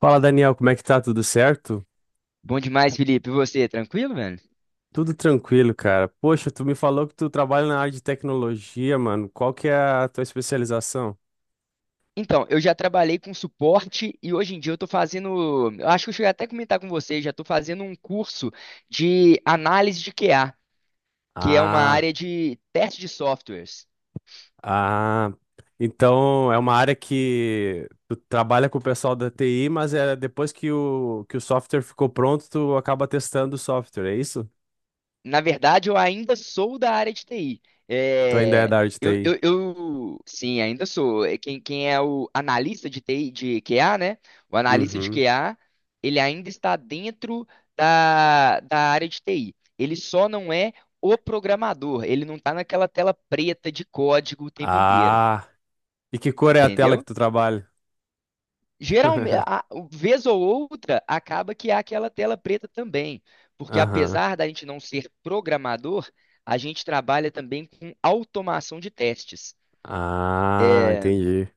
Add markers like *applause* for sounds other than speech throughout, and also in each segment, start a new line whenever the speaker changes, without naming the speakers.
Fala, Daniel, como é que tá? Tudo certo?
Bom demais, Felipe. E você, tranquilo, velho?
Tudo tranquilo, cara. Poxa, tu me falou que tu trabalha na área de tecnologia, mano. Qual que é a tua especialização?
Então, eu já trabalhei com suporte e hoje em dia eu tô fazendo. Eu acho que eu cheguei até a comentar com você, já tô fazendo um curso de análise de QA, que é uma
Ah,
área de teste de softwares.
ah. Então é uma área que tu trabalha com o pessoal da TI, mas é depois que o software ficou pronto, tu acaba testando o software, é isso?
Na verdade, eu ainda sou da área de TI.
Tu ainda é
É,
da área de TI.
sim, ainda sou. É. Quem é o analista de TI, de QA, né? O analista de
Uhum.
QA, ele ainda está dentro da área de TI. Ele só não é o programador. Ele não está naquela tela preta de código o tempo inteiro,
Ah, e que cor é a tela que
entendeu?
tu trabalha?
Geralmente,
*laughs*
vez ou outra, acaba que há aquela tela preta também, porque
Aham.
apesar da gente não ser programador, a gente trabalha também com automação de testes,
Ah, entendi.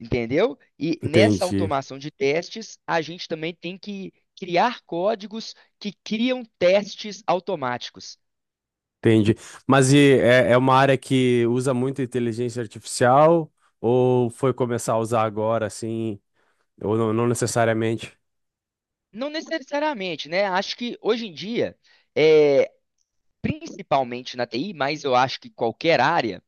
entendeu? E nessa
Entendi.
automação de testes, a gente também tem que criar códigos que criam testes automáticos.
Entendi. Mas é uma área que usa muito inteligência artificial ou foi começar a usar agora, assim, ou não, não necessariamente?
Não necessariamente, né? Acho que hoje em dia, é, principalmente na TI, mas eu acho que qualquer área,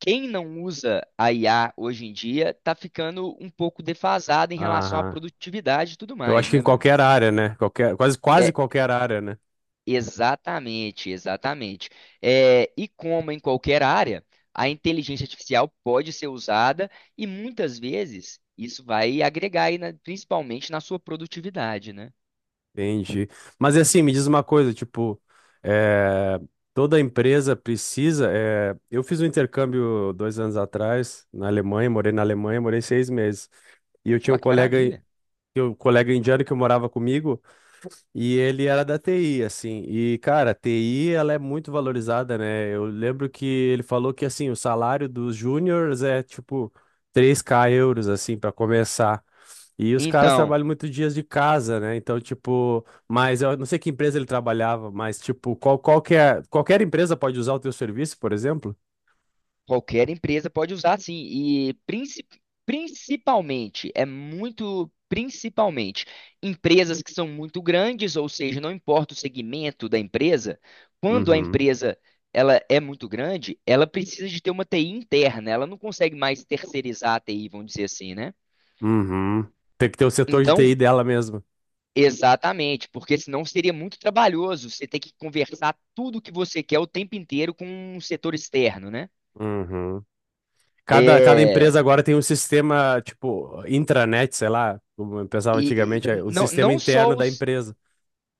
quem não usa a IA hoje em dia tá ficando um pouco defasado em relação à
Aham.
produtividade e tudo
Eu
mais,
acho que
né,
em
velho?
qualquer área, né? Qualquer, quase
É,
qualquer área, né?
exatamente, exatamente. É, e como em qualquer área, a inteligência artificial pode ser usada e muitas vezes isso vai agregar aí, principalmente na sua produtividade, né?
Entendi. Mas e assim, me diz uma coisa, tipo, eh, toda empresa precisa. Eu fiz um intercâmbio 2 anos atrás na Alemanha, morei 6 meses. E eu tinha
Nossa, que maravilha.
um colega indiano que morava comigo. E ele era da TI, assim. E, cara, a TI, ela é muito valorizada, né? Eu lembro que ele falou que, assim, o salário dos júniors é, tipo, 3K euros, assim, para começar. E os caras
Então,
trabalham muito dias de casa, né? Então, tipo, mas eu não sei que empresa ele trabalhava, mas, tipo, qualquer empresa pode usar o teu serviço, por exemplo?
qualquer empresa pode usar sim, e principalmente, é muito principalmente, empresas que são muito grandes, ou seja, não importa o segmento da empresa, quando a
Uhum.
empresa ela é muito grande, ela precisa de ter uma TI interna, ela não consegue mais terceirizar a TI, vamos dizer assim, né?
Uhum. Tem que ter o setor de
Então,
TI dela mesmo.
exatamente, porque senão seria muito trabalhoso você ter que conversar tudo que você quer o tempo inteiro com um setor externo, né?
Uhum. Cada
É.
empresa agora tem um sistema, tipo, intranet, sei lá, como eu pensava
E,
antigamente, é
e
o
não,
sistema
não só
interno da
os,
empresa.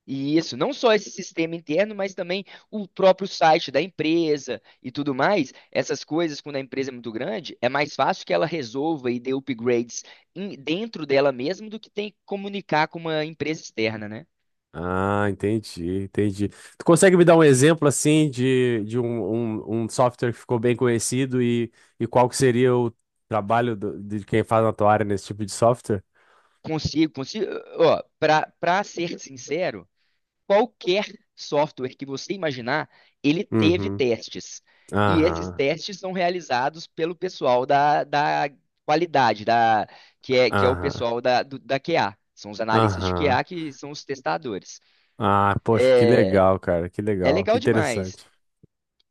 e não só esse sistema interno, mas também o próprio site da empresa e tudo mais. Essas coisas, quando a empresa é muito grande, é mais fácil que ela resolva e dê upgrades dentro dela mesma do que tem que comunicar com uma empresa externa, né?
Ah, entendi, entendi. Tu consegue me dar um exemplo, assim, de um software que ficou bem conhecido e qual que seria o trabalho de quem faz na tua área nesse tipo de software?
Consigo. Ó, para ser sincero, qualquer software que você imaginar, ele teve
Uhum,
testes. E esses
aham,
testes são realizados pelo pessoal da qualidade, que é o
aham,
pessoal da QA. São os analistas de
aham.
QA que são os testadores.
Ah, poxa, que legal, cara, que
É
legal, que
legal demais.
interessante.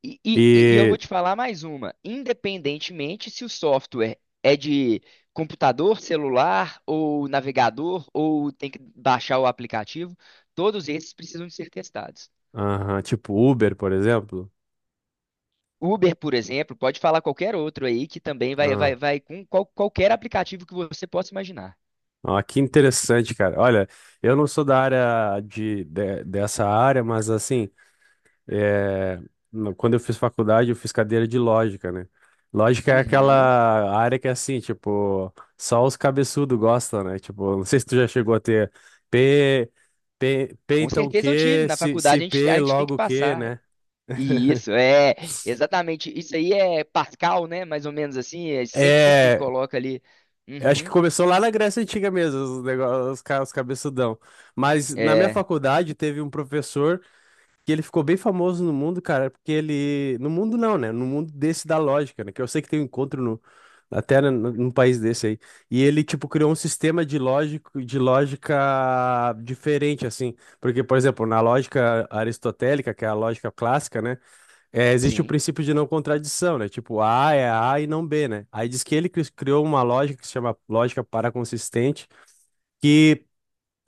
E eu
E,
vou te falar mais uma. Independentemente se o software é de computador, celular ou navegador, ou tem que baixar o aplicativo, todos esses precisam de ser testados.
aham, tipo Uber, por exemplo?
Uber, por exemplo, pode falar qualquer outro aí que também vai com qualquer aplicativo que você possa imaginar.
Ah, que interessante, cara. Olha, eu não sou da área dessa área, mas assim, é, quando eu fiz faculdade, eu fiz cadeira de lógica, né? Lógica é
Uhum.
aquela área que é assim, tipo, só os cabeçudos gostam, né? Tipo, não sei se tu já chegou a ter P, P
Com
então
certeza eu tive.
Q,
Na
se
faculdade a
P
gente tem que
logo Q,
passar.
né?
E
*laughs*
isso é exatamente. Isso aí é Pascal, né? Mais ou menos assim. É, sempre
É,
coloca ali.
eu acho que
Uhum.
começou lá na Grécia Antiga mesmo, os negócios, os cabeçudão. Mas na minha
É,
faculdade teve um professor que ele ficou bem famoso no mundo, cara, porque ele. No mundo não, né? No mundo desse da lógica, né? Que eu sei que tem um encontro no. Até num país desse aí. E ele, tipo, criou de lógica diferente, assim. Porque, por exemplo, na lógica aristotélica, que é a lógica clássica, né? Existe o
sim.
princípio de não contradição, né? Tipo, A é A e não B, né? Aí diz que criou uma lógica que se chama lógica paraconsistente, que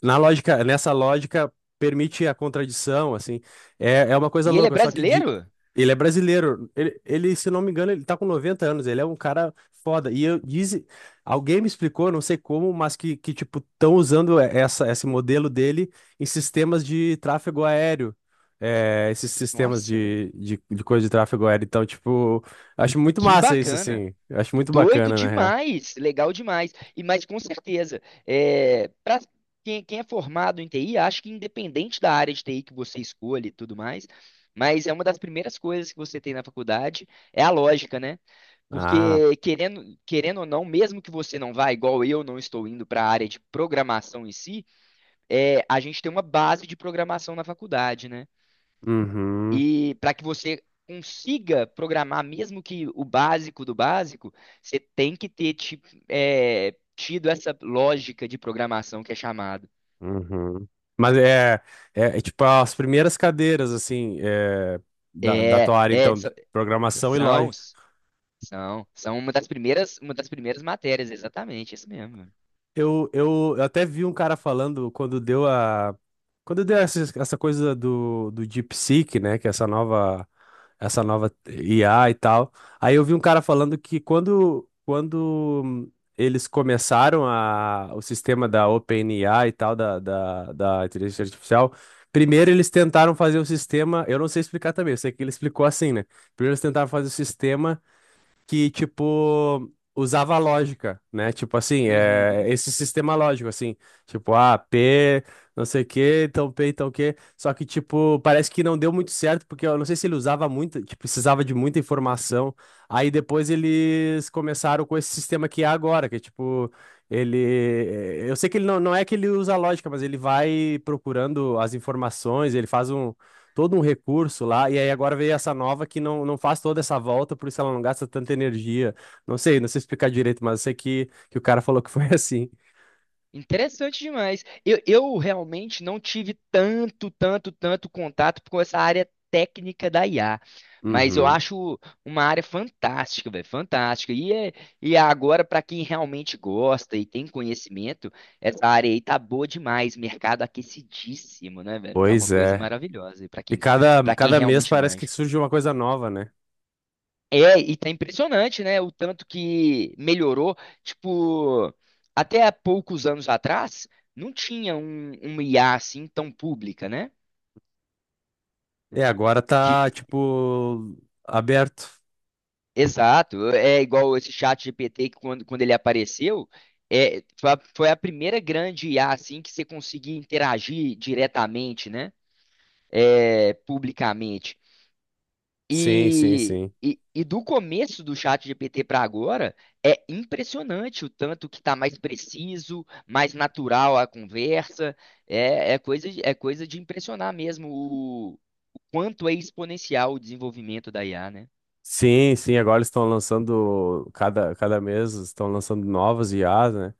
nessa lógica permite a contradição, assim. É, é uma coisa
E ele é
louca, só que
brasileiro?
ele é brasileiro. Se não me engano, ele tá com 90 anos, ele é um cara foda. E eu disse, alguém me explicou, não sei como, mas que tipo, estão usando esse modelo dele em sistemas de tráfego aéreo. É, esses sistemas
Nossa, velho.
de coisa de tráfego aéreo. Então, tipo, acho muito
Que
massa isso,
bacana.
assim. Acho muito
Doido
bacana, na real.
demais, legal demais. E mas com certeza, é, para quem é formado em TI, acho que independente da área de TI que você escolhe e tudo mais, mas é uma das primeiras coisas que você tem na faculdade é a lógica, né?
Ah,
Porque querendo ou não, mesmo que você não vá, igual eu não estou indo para a área de programação em si, é, a gente tem uma base de programação na faculdade, né?
uhum.
E para que você consiga programar, mesmo que o básico do básico, você tem que tido essa lógica de programação que é chamado.
Uhum. Mas é tipo as primeiras cadeiras, assim, da, da
É,
tua área,
é,
então,
so-
programação e
são,
lógica.
São uma das primeiras matérias, exatamente, isso mesmo.
Eu até vi um cara falando quando deu a. Quando deu essa, essa coisa do DeepSeek, né? Que é essa nova IA e tal. Aí eu vi um cara falando que quando eles começaram a, o sistema da OpenAI e tal, da inteligência artificial, primeiro eles tentaram fazer o sistema. Eu não sei explicar também, eu sei que ele explicou assim, né? Primeiro eles tentaram fazer o sistema que, tipo, usava lógica, né? Tipo assim,
Uhum.
esse sistema lógico, assim, tipo, ah, P, não sei o quê, então P, então o quê. Só que, tipo, parece que não deu muito certo, porque eu não sei se ele usava muito, tipo, precisava de muita informação. Aí depois eles começaram com esse sistema que é agora, que é tipo. Ele, eu sei que ele não é que ele usa lógica, mas ele vai procurando as informações, ele faz todo um recurso lá, e aí agora veio essa nova que não, não faz toda essa volta, por isso ela não gasta tanta energia. Não sei, não sei explicar direito, mas eu sei que o cara *laughs* falou que foi *laughs* assim.
Interessante demais. Eu realmente não tive tanto contato com essa área técnica da IA, mas eu
Uhum.
acho uma área fantástica, velho, fantástica. E é agora, para quem realmente gosta e tem conhecimento, essa área aí tá boa demais, mercado aquecidíssimo, né, velho? Tá uma
Pois
coisa
é.
maravilhosa. E
E cada,
para quem
cada mês
realmente
parece que
manja.
surge uma coisa nova, né?
É, e tá impressionante, né? O tanto que melhorou. Tipo, até há poucos anos atrás, não tinha uma IA assim tão pública, né?
E agora
Que,
tá, tipo, aberto.
exato, é igual esse chat GPT que quando ele apareceu, é, foi a primeira grande IA assim que você conseguia interagir diretamente, né? É, publicamente.
Sim, sim,
E,
sim.
e, e do começo do chat GPT para agora, é impressionante o tanto que está mais preciso, mais natural a conversa. É, é coisa de impressionar mesmo o quanto é exponencial o desenvolvimento da IA, né?
Sim, sim, agora eles estão lançando, cada mês estão lançando novas IAs, né?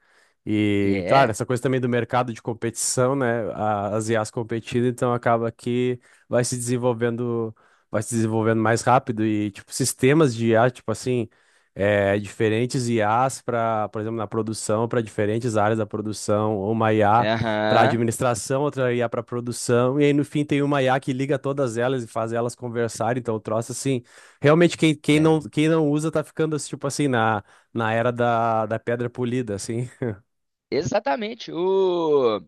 E, claro,
É,
essa coisa também do mercado de competição, né? As IAs competindo, então acaba que vai se desenvolvendo, vai se desenvolvendo mais rápido e, tipo, sistemas de IA, tipo assim, diferentes IAs para, por exemplo, na produção, para diferentes áreas da produção, ou uma IA para
aham,
administração, outra IA para produção, e aí no fim tem uma IA que liga todas elas e faz elas conversarem, então o troço assim. Realmente,
é.
quem não usa tá ficando, tipo assim, na era da, da pedra polida, assim.
Exatamente.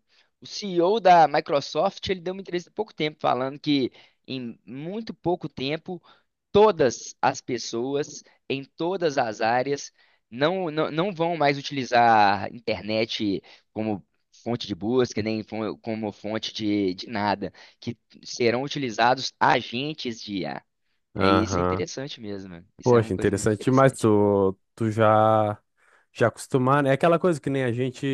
O CEO da Microsoft, ele deu uma entrevista há pouco tempo falando que em muito pouco tempo todas as pessoas em todas as áreas não vão mais utilizar a internet como fonte de busca, nem fo- como fonte de nada, que serão utilizados agentes de IA. É, isso é
Aham.
interessante mesmo, mano. Isso é
Poxa,
uma coisa muito
interessante demais.
interessante.
Já acostumar, né? É aquela coisa que nem a gente,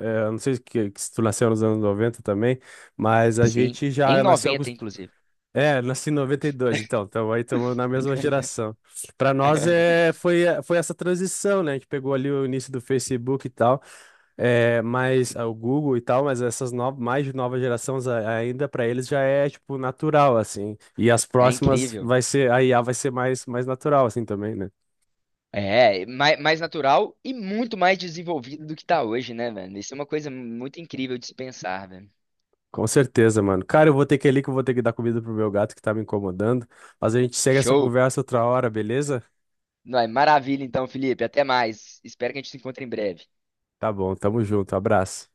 eu não sei que se tu nasceu nos anos 90 também, mas a
Sim,
gente
em
já nasceu
90 inclusive.
É, nasci em 92 então, então aí estamos na mesma
*laughs*
geração. Para nós foi essa transição, né? A gente pegou ali o início do Facebook e tal. É, mas ah, o Google e tal, mas essas novas, mais de nova gerações ainda para eles já é tipo natural assim. E as
É
próximas
incrível.
vai ser a IA vai ser mais natural assim também, né?
É, mais natural e muito mais desenvolvido do que está hoje, né, velho? Isso é uma coisa muito incrível de se pensar, velho.
Com certeza, mano. Cara, eu vou ter que ir ali que eu vou ter que dar comida pro meu gato que tá me incomodando. Mas a gente segue essa
Show!
conversa outra hora, beleza?
Não, é maravilha então, Felipe. Até mais. Espero que a gente se encontre em breve.
Tá bom, tamo junto. Abraço.